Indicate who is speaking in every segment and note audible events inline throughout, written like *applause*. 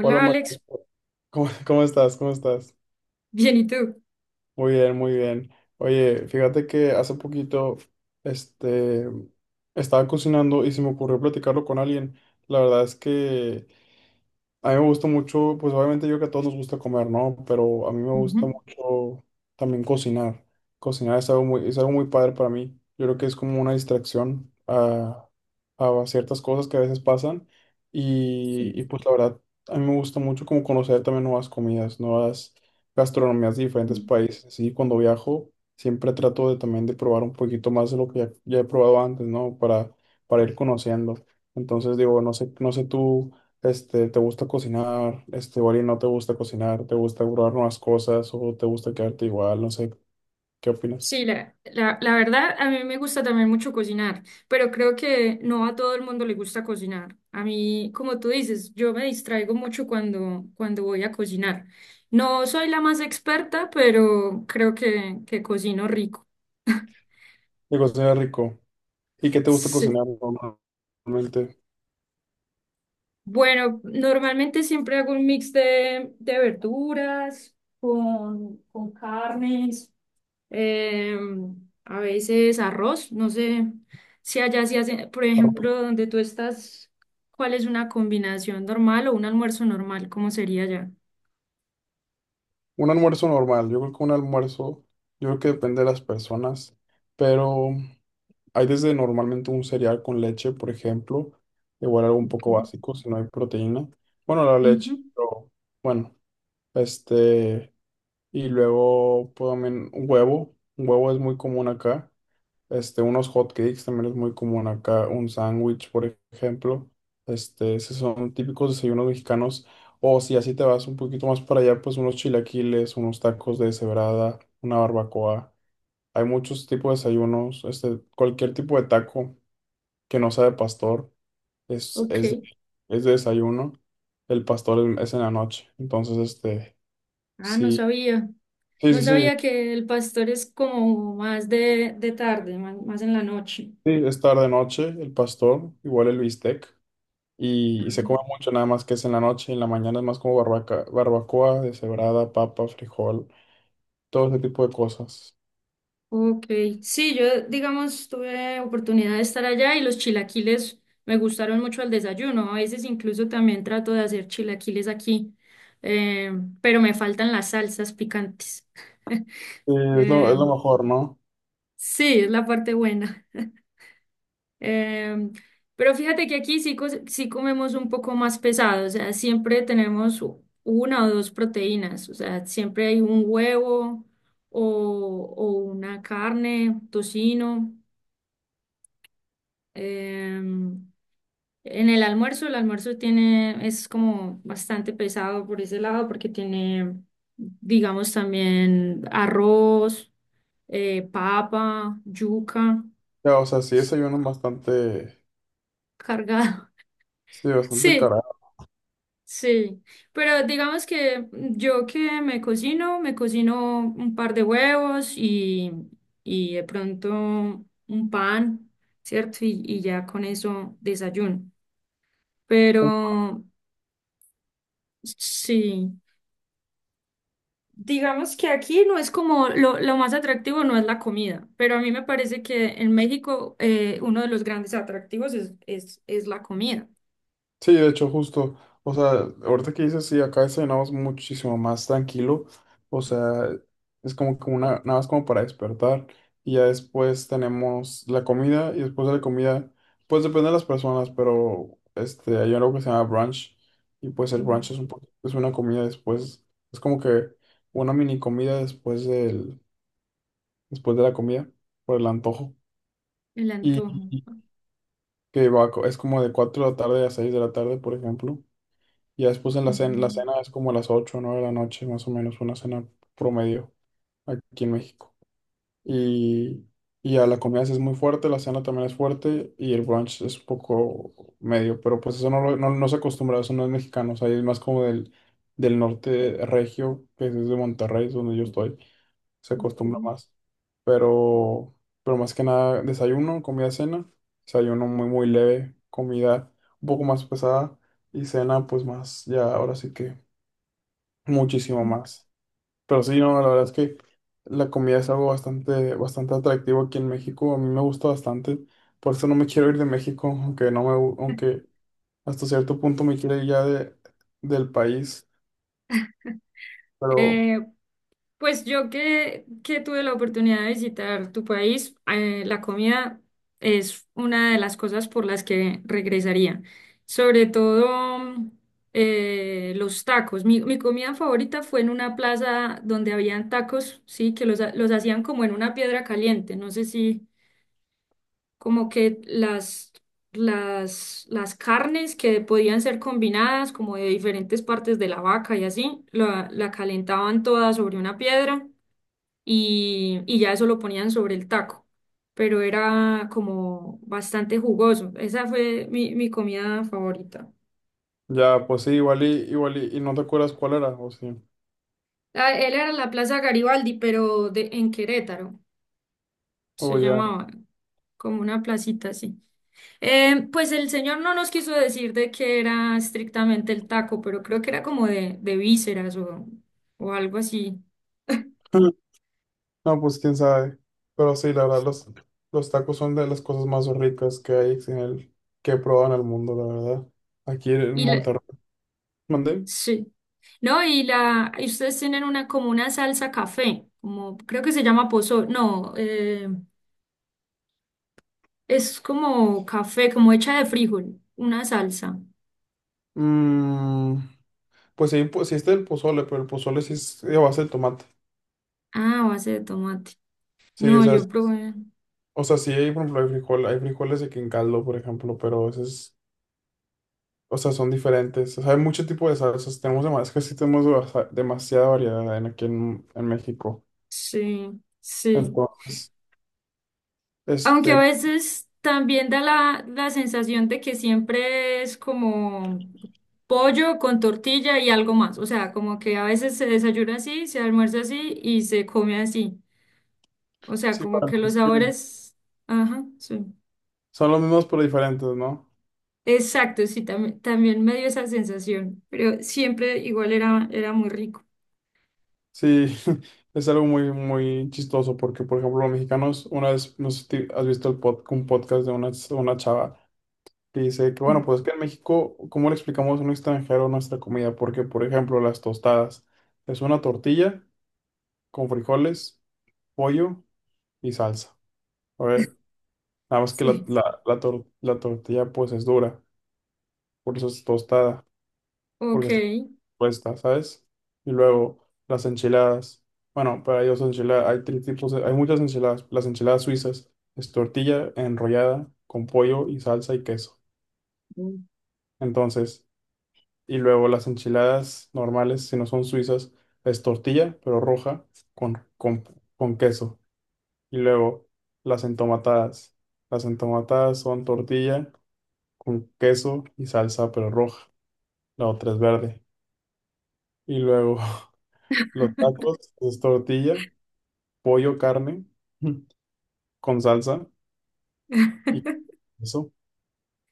Speaker 1: Hola, María.
Speaker 2: Alex,
Speaker 1: ¿Cómo estás? ¿Cómo estás?
Speaker 2: bien, ¿y tú?
Speaker 1: Muy bien, muy bien. Oye, fíjate que hace poquito, este, estaba cocinando y se me ocurrió platicarlo con alguien. La verdad es que a mí me gusta mucho, pues obviamente yo creo que a todos nos gusta comer, ¿no? Pero a mí me gusta
Speaker 2: Ujú,
Speaker 1: mucho también cocinar. Es algo muy padre para mí. Yo creo que es como una distracción a ciertas cosas que a veces pasan. Y,
Speaker 2: sí.
Speaker 1: y pues la verdad, a mí me gusta mucho como conocer también nuevas comidas, nuevas gastronomías de diferentes países. Sí, cuando viajo siempre trato de también de probar un poquito más de lo que ya he probado antes, ¿no? Para ir conociendo. Entonces digo, no sé, no sé tú. ¿Te gusta cocinar? Igual y no te gusta cocinar, ¿te gusta probar nuevas cosas o te gusta quedarte igual? No sé, ¿qué opinas?
Speaker 2: Sí, la verdad, a mí me gusta también mucho cocinar, pero creo que no a todo el mundo le gusta cocinar. A mí, como tú dices, yo me distraigo mucho cuando voy a cocinar. No soy la más experta, pero creo que cocino rico.
Speaker 1: Digo, cocinar es rico. ¿Y qué te gusta cocinar
Speaker 2: Sí.
Speaker 1: normalmente?
Speaker 2: Bueno, normalmente siempre hago un mix de verduras con carnes. eh, a veces arroz, no sé si allá se hace, por
Speaker 1: Arroz.
Speaker 2: ejemplo, donde tú estás, ¿cuál es una combinación normal o un almuerzo normal? ¿Cómo sería allá?
Speaker 1: Yo creo que un almuerzo, yo creo que depende de las personas, pero hay desde normalmente un cereal con leche, por ejemplo, igual algo un poco
Speaker 2: Ok.
Speaker 1: básico, si no hay proteína. Bueno, la
Speaker 2: Ujú,
Speaker 1: leche, pero bueno, este... Y luego puedo también un huevo. Un huevo es muy común acá. Unos hot cakes también es muy común acá. Un sándwich, por ejemplo. Esos son típicos desayunos mexicanos. O si así te vas un poquito más para allá, pues unos chilaquiles, unos tacos de deshebrada, una barbacoa. Hay muchos tipos de desayunos. Cualquier tipo de taco que no sea de pastor es,
Speaker 2: ok.
Speaker 1: es, de- es de desayuno. El pastor es en la noche. Entonces,
Speaker 2: Ah, no
Speaker 1: sí.
Speaker 2: sabía.
Speaker 1: Sí,
Speaker 2: No
Speaker 1: sí, sí.
Speaker 2: sabía que el pastor es como más de tarde, más en la noche.
Speaker 1: Sí, es tarde noche, el pastor, igual el bistec, y se come
Speaker 2: Ah.
Speaker 1: mucho nada más que es en la noche, y en la mañana es más como barbacoa, deshebrada, papa, frijol, todo ese tipo de cosas.
Speaker 2: Ok, sí, yo digamos tuve oportunidad de estar allá y los chilaquiles me gustaron mucho al desayuno. A veces incluso también trato de hacer chilaquiles aquí, eh, pero me faltan las salsas picantes. *laughs*
Speaker 1: Sí, es
Speaker 2: Eh,
Speaker 1: lo mejor, ¿no?
Speaker 2: Sí, es la parte buena. *laughs* Em, pero fíjate que aquí sí, sí comemos un poco más pesado, o sea, siempre tenemos una o dos proteínas, o sea, siempre hay un huevo o una carne, tocino. em, en el almuerzo tiene, es como bastante pesado por ese lado porque tiene, digamos, también arroz, papa, yuca.
Speaker 1: Ya, o sea, sí desayuno bastante,
Speaker 2: Cargado. *laughs*
Speaker 1: sí, bastante
Speaker 2: Sí,
Speaker 1: cargado.
Speaker 2: sí. Pero digamos que yo que me cocino un par de huevos y de pronto un pan, ¿cierto? Y ya con eso desayuno. Pero sí, digamos que aquí no es como lo más atractivo, no es la comida, pero a mí me parece que en México uno de los grandes atractivos es la comida.
Speaker 1: Sí, de hecho, justo, o sea, ahorita que dices, sí, acá cenamos muchísimo más tranquilo, o sea, es como que una, nada más como para despertar, y ya después tenemos la comida, y después de la comida, pues depende de las personas, pero hay algo que se llama brunch, y pues el
Speaker 2: Mm.
Speaker 1: brunch es es una comida después, es como que una mini comida después de la comida, por el antojo,
Speaker 2: El
Speaker 1: y
Speaker 2: antojo.
Speaker 1: y es como de 4 de la tarde a 6 de la tarde, por ejemplo. Y ya después en la
Speaker 2: Mm,
Speaker 1: cena es como a las 8 o 9 de la noche, más o menos, una cena promedio aquí en México. Y, y ya la comida sí es muy fuerte, la cena también es fuerte y el brunch es un poco medio, pero pues eso no, lo- no, no se acostumbra, eso no es mexicano, o sea, es más como del norte regio, que es de Monterrey, es donde yo estoy se acostumbra más. Pero, pero más que nada, desayuno, comida, cena. Desayuno muy, muy leve, comida un poco más pesada y cena, pues más, ya ahora sí que muchísimo
Speaker 2: ok.
Speaker 1: más. Pero sí, no, la verdad es que la comida es algo bastante, bastante atractivo aquí en México. A mí me gusta bastante. Por eso no me quiero ir de México, aunque no me, gu- aunque hasta cierto punto me quiero ir ya del país. Pero
Speaker 2: Eh, pues yo que tuve la oportunidad de visitar tu país, la comida es una de las cosas por las que regresaría. Sobre todo mm, los tacos. Mi comida favorita fue en una plaza donde habían tacos, sí, que los hacían como en una piedra caliente. No sé si, como que las, las carnes que podían ser combinadas, como de diferentes partes de la vaca y así, la calentaban toda sobre una piedra y ya eso lo ponían sobre el taco. Pero era como bastante jugoso. Esa fue mi comida favorita.
Speaker 1: ya, pues sí, igual y no te acuerdas cuál era, o sí,
Speaker 2: Ah, Él era la Plaza Garibaldi, pero de, en Querétaro. Se
Speaker 1: o ya.
Speaker 2: llamaba como una placita así. Pues el señor no nos quiso decir de qué era estrictamente el taco, pero creo que era como de vísceras o algo así. *laughs*
Speaker 1: *laughs* No, pues quién sabe. Pero sí, la verdad, los tacos son de las cosas más ricas que hay en el, que he probado en el mundo, la verdad. Aquí en
Speaker 2: Y la,
Speaker 1: Monterrey. ¿Mandé?
Speaker 2: sí. No, y la, y ustedes tienen una como una salsa café, como creo que se llama pozo, no, es como café, como hecha de frijol, una salsa.
Speaker 1: Mm, pues sí está el pozole, pero el pozole sí es de base de tomate.
Speaker 2: Ah, a base de tomate.
Speaker 1: Sí, o
Speaker 2: No,
Speaker 1: sea,
Speaker 2: yo probé.
Speaker 1: o sea, sí hay, por ejemplo, hay frijol, hay frijoles de que en caldo, por ejemplo, pero esos, o sea, son diferentes. O sea, hay mucho tipo de salsas. Tenemos demasiado, es que sí tenemos demasiada variedad en, aquí en México.
Speaker 2: Sí, sí.
Speaker 1: Entonces,
Speaker 2: Aunque a
Speaker 1: este,
Speaker 2: veces también da la sensación de que siempre es como pollo con tortilla y algo más. O sea, como que a veces se desayuna así, se almuerza así y se come así. O sea,
Speaker 1: sí,
Speaker 2: como
Speaker 1: para
Speaker 2: que los
Speaker 1: nosotros.
Speaker 2: sabores... Ajá, sí.
Speaker 1: Son los mismos pero diferentes, ¿no?
Speaker 2: Exacto, sí, también, también me dio esa sensación, pero siempre igual era, era muy rico.
Speaker 1: Sí, *laughs* es algo muy, muy chistoso porque, por ejemplo, los mexicanos, una vez, no sé si te- has visto un podcast de una chava que dice que, bueno,
Speaker 2: Mm,
Speaker 1: pues es que en México, ¿cómo le explicamos a un extranjero nuestra comida? Porque, por ejemplo, las tostadas es una tortilla con frijoles, pollo y salsa. A ver, nada más que
Speaker 2: sí.
Speaker 1: la tortilla pues es dura, por eso es tostada.
Speaker 2: Ok.
Speaker 1: Porque respuesta, ¿sabes? Y luego las enchiladas. Bueno, para ellos enchiladas, hay hay muchas enchiladas. Las enchiladas suizas es tortilla enrollada con pollo y salsa y queso.
Speaker 2: Mm.
Speaker 1: Entonces, y luego las enchiladas normales, si no son suizas, es tortilla, pero roja, con, con, con queso. Y luego las entomatadas. Las entomatadas son tortilla con queso y salsa, pero roja. La otra es verde. Y luego *laughs* los tacos pues, es tortilla pollo, carne *laughs* con salsa y eso.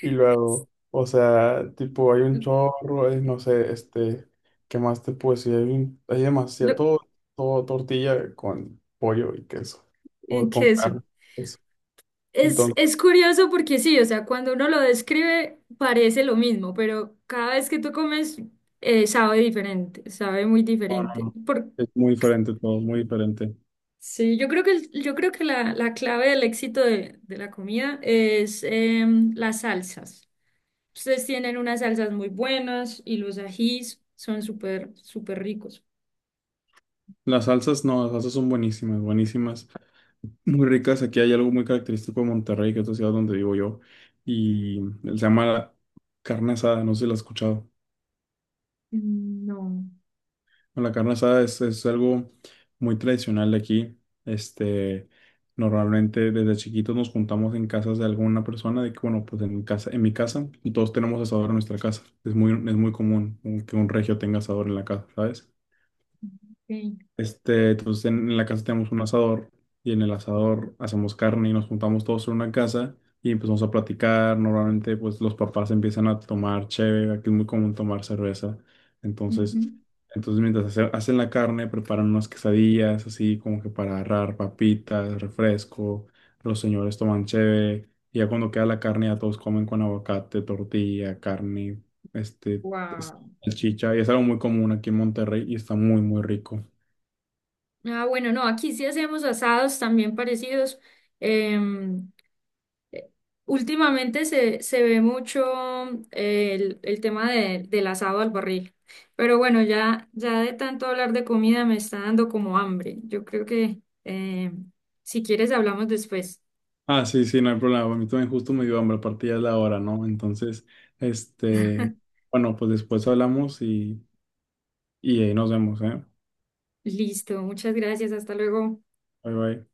Speaker 1: Y luego, o sea, tipo, hay un chorro, hay, no sé, ¿qué más te puedo decir? Hay demasiado,
Speaker 2: Lo,
Speaker 1: todo, todo tortilla con pollo y queso,
Speaker 2: ¿y
Speaker 1: o con
Speaker 2: qué es?
Speaker 1: carne, eso. Entonces,
Speaker 2: Es curioso porque sí, o sea, cuando uno lo describe parece lo mismo, pero cada vez que tú comes sabe diferente, sabe muy
Speaker 1: no, no,
Speaker 2: diferente.
Speaker 1: no,
Speaker 2: Por,
Speaker 1: es muy diferente todo, muy diferente.
Speaker 2: sí, yo creo yo creo que la clave del éxito de la comida es em, las salsas. Ustedes tienen unas salsas muy buenas y los ajís son súper, súper ricos.
Speaker 1: Las salsas, no, las salsas son buenísimas, buenísimas, muy ricas. Aquí hay algo muy característico de Monterrey, que es la ciudad donde vivo yo, y se llama carne asada, no sé si la has escuchado.
Speaker 2: Mm, no.
Speaker 1: Bueno, la carne asada es algo muy tradicional de aquí. Este, Normalmente desde chiquitos nos juntamos en casas de alguna persona, de que bueno, pues en mi casa, y todos tenemos asador en nuestra casa. Es muy común que un regio tenga asador en la casa, ¿sabes?
Speaker 2: Ok,
Speaker 1: En la casa tenemos un asador y en el asador hacemos carne y nos juntamos todos en una casa y empezamos a platicar. Normalmente pues los papás empiezan a tomar cheve, aquí es muy común tomar cerveza. Entonces,
Speaker 2: ujú.
Speaker 1: entonces mientras hacen la carne preparan unas quesadillas así como que para agarrar papitas, refresco, los señores toman cheve y ya cuando queda la carne ya todos comen con aguacate, tortilla, carne, este, es-
Speaker 2: Wow.
Speaker 1: salchicha y es algo muy común aquí en Monterrey y está muy muy rico.
Speaker 2: Ah, bueno, no, aquí sí hacemos asados también parecidos. em, Últimamente se ve mucho el tema del asado al barril, pero bueno, ya, ya de tanto hablar de comida me está dando como hambre. Yo creo que si quieres hablamos después.
Speaker 1: Ah, sí, sí, no hay problema. A mí también justo me dio hambre, aparte ya es la hora, ¿no? Entonces, este, bueno, pues después y ahí nos vemos, ¿eh?
Speaker 2: Listo, muchas gracias, hasta luego.
Speaker 1: Bye bye.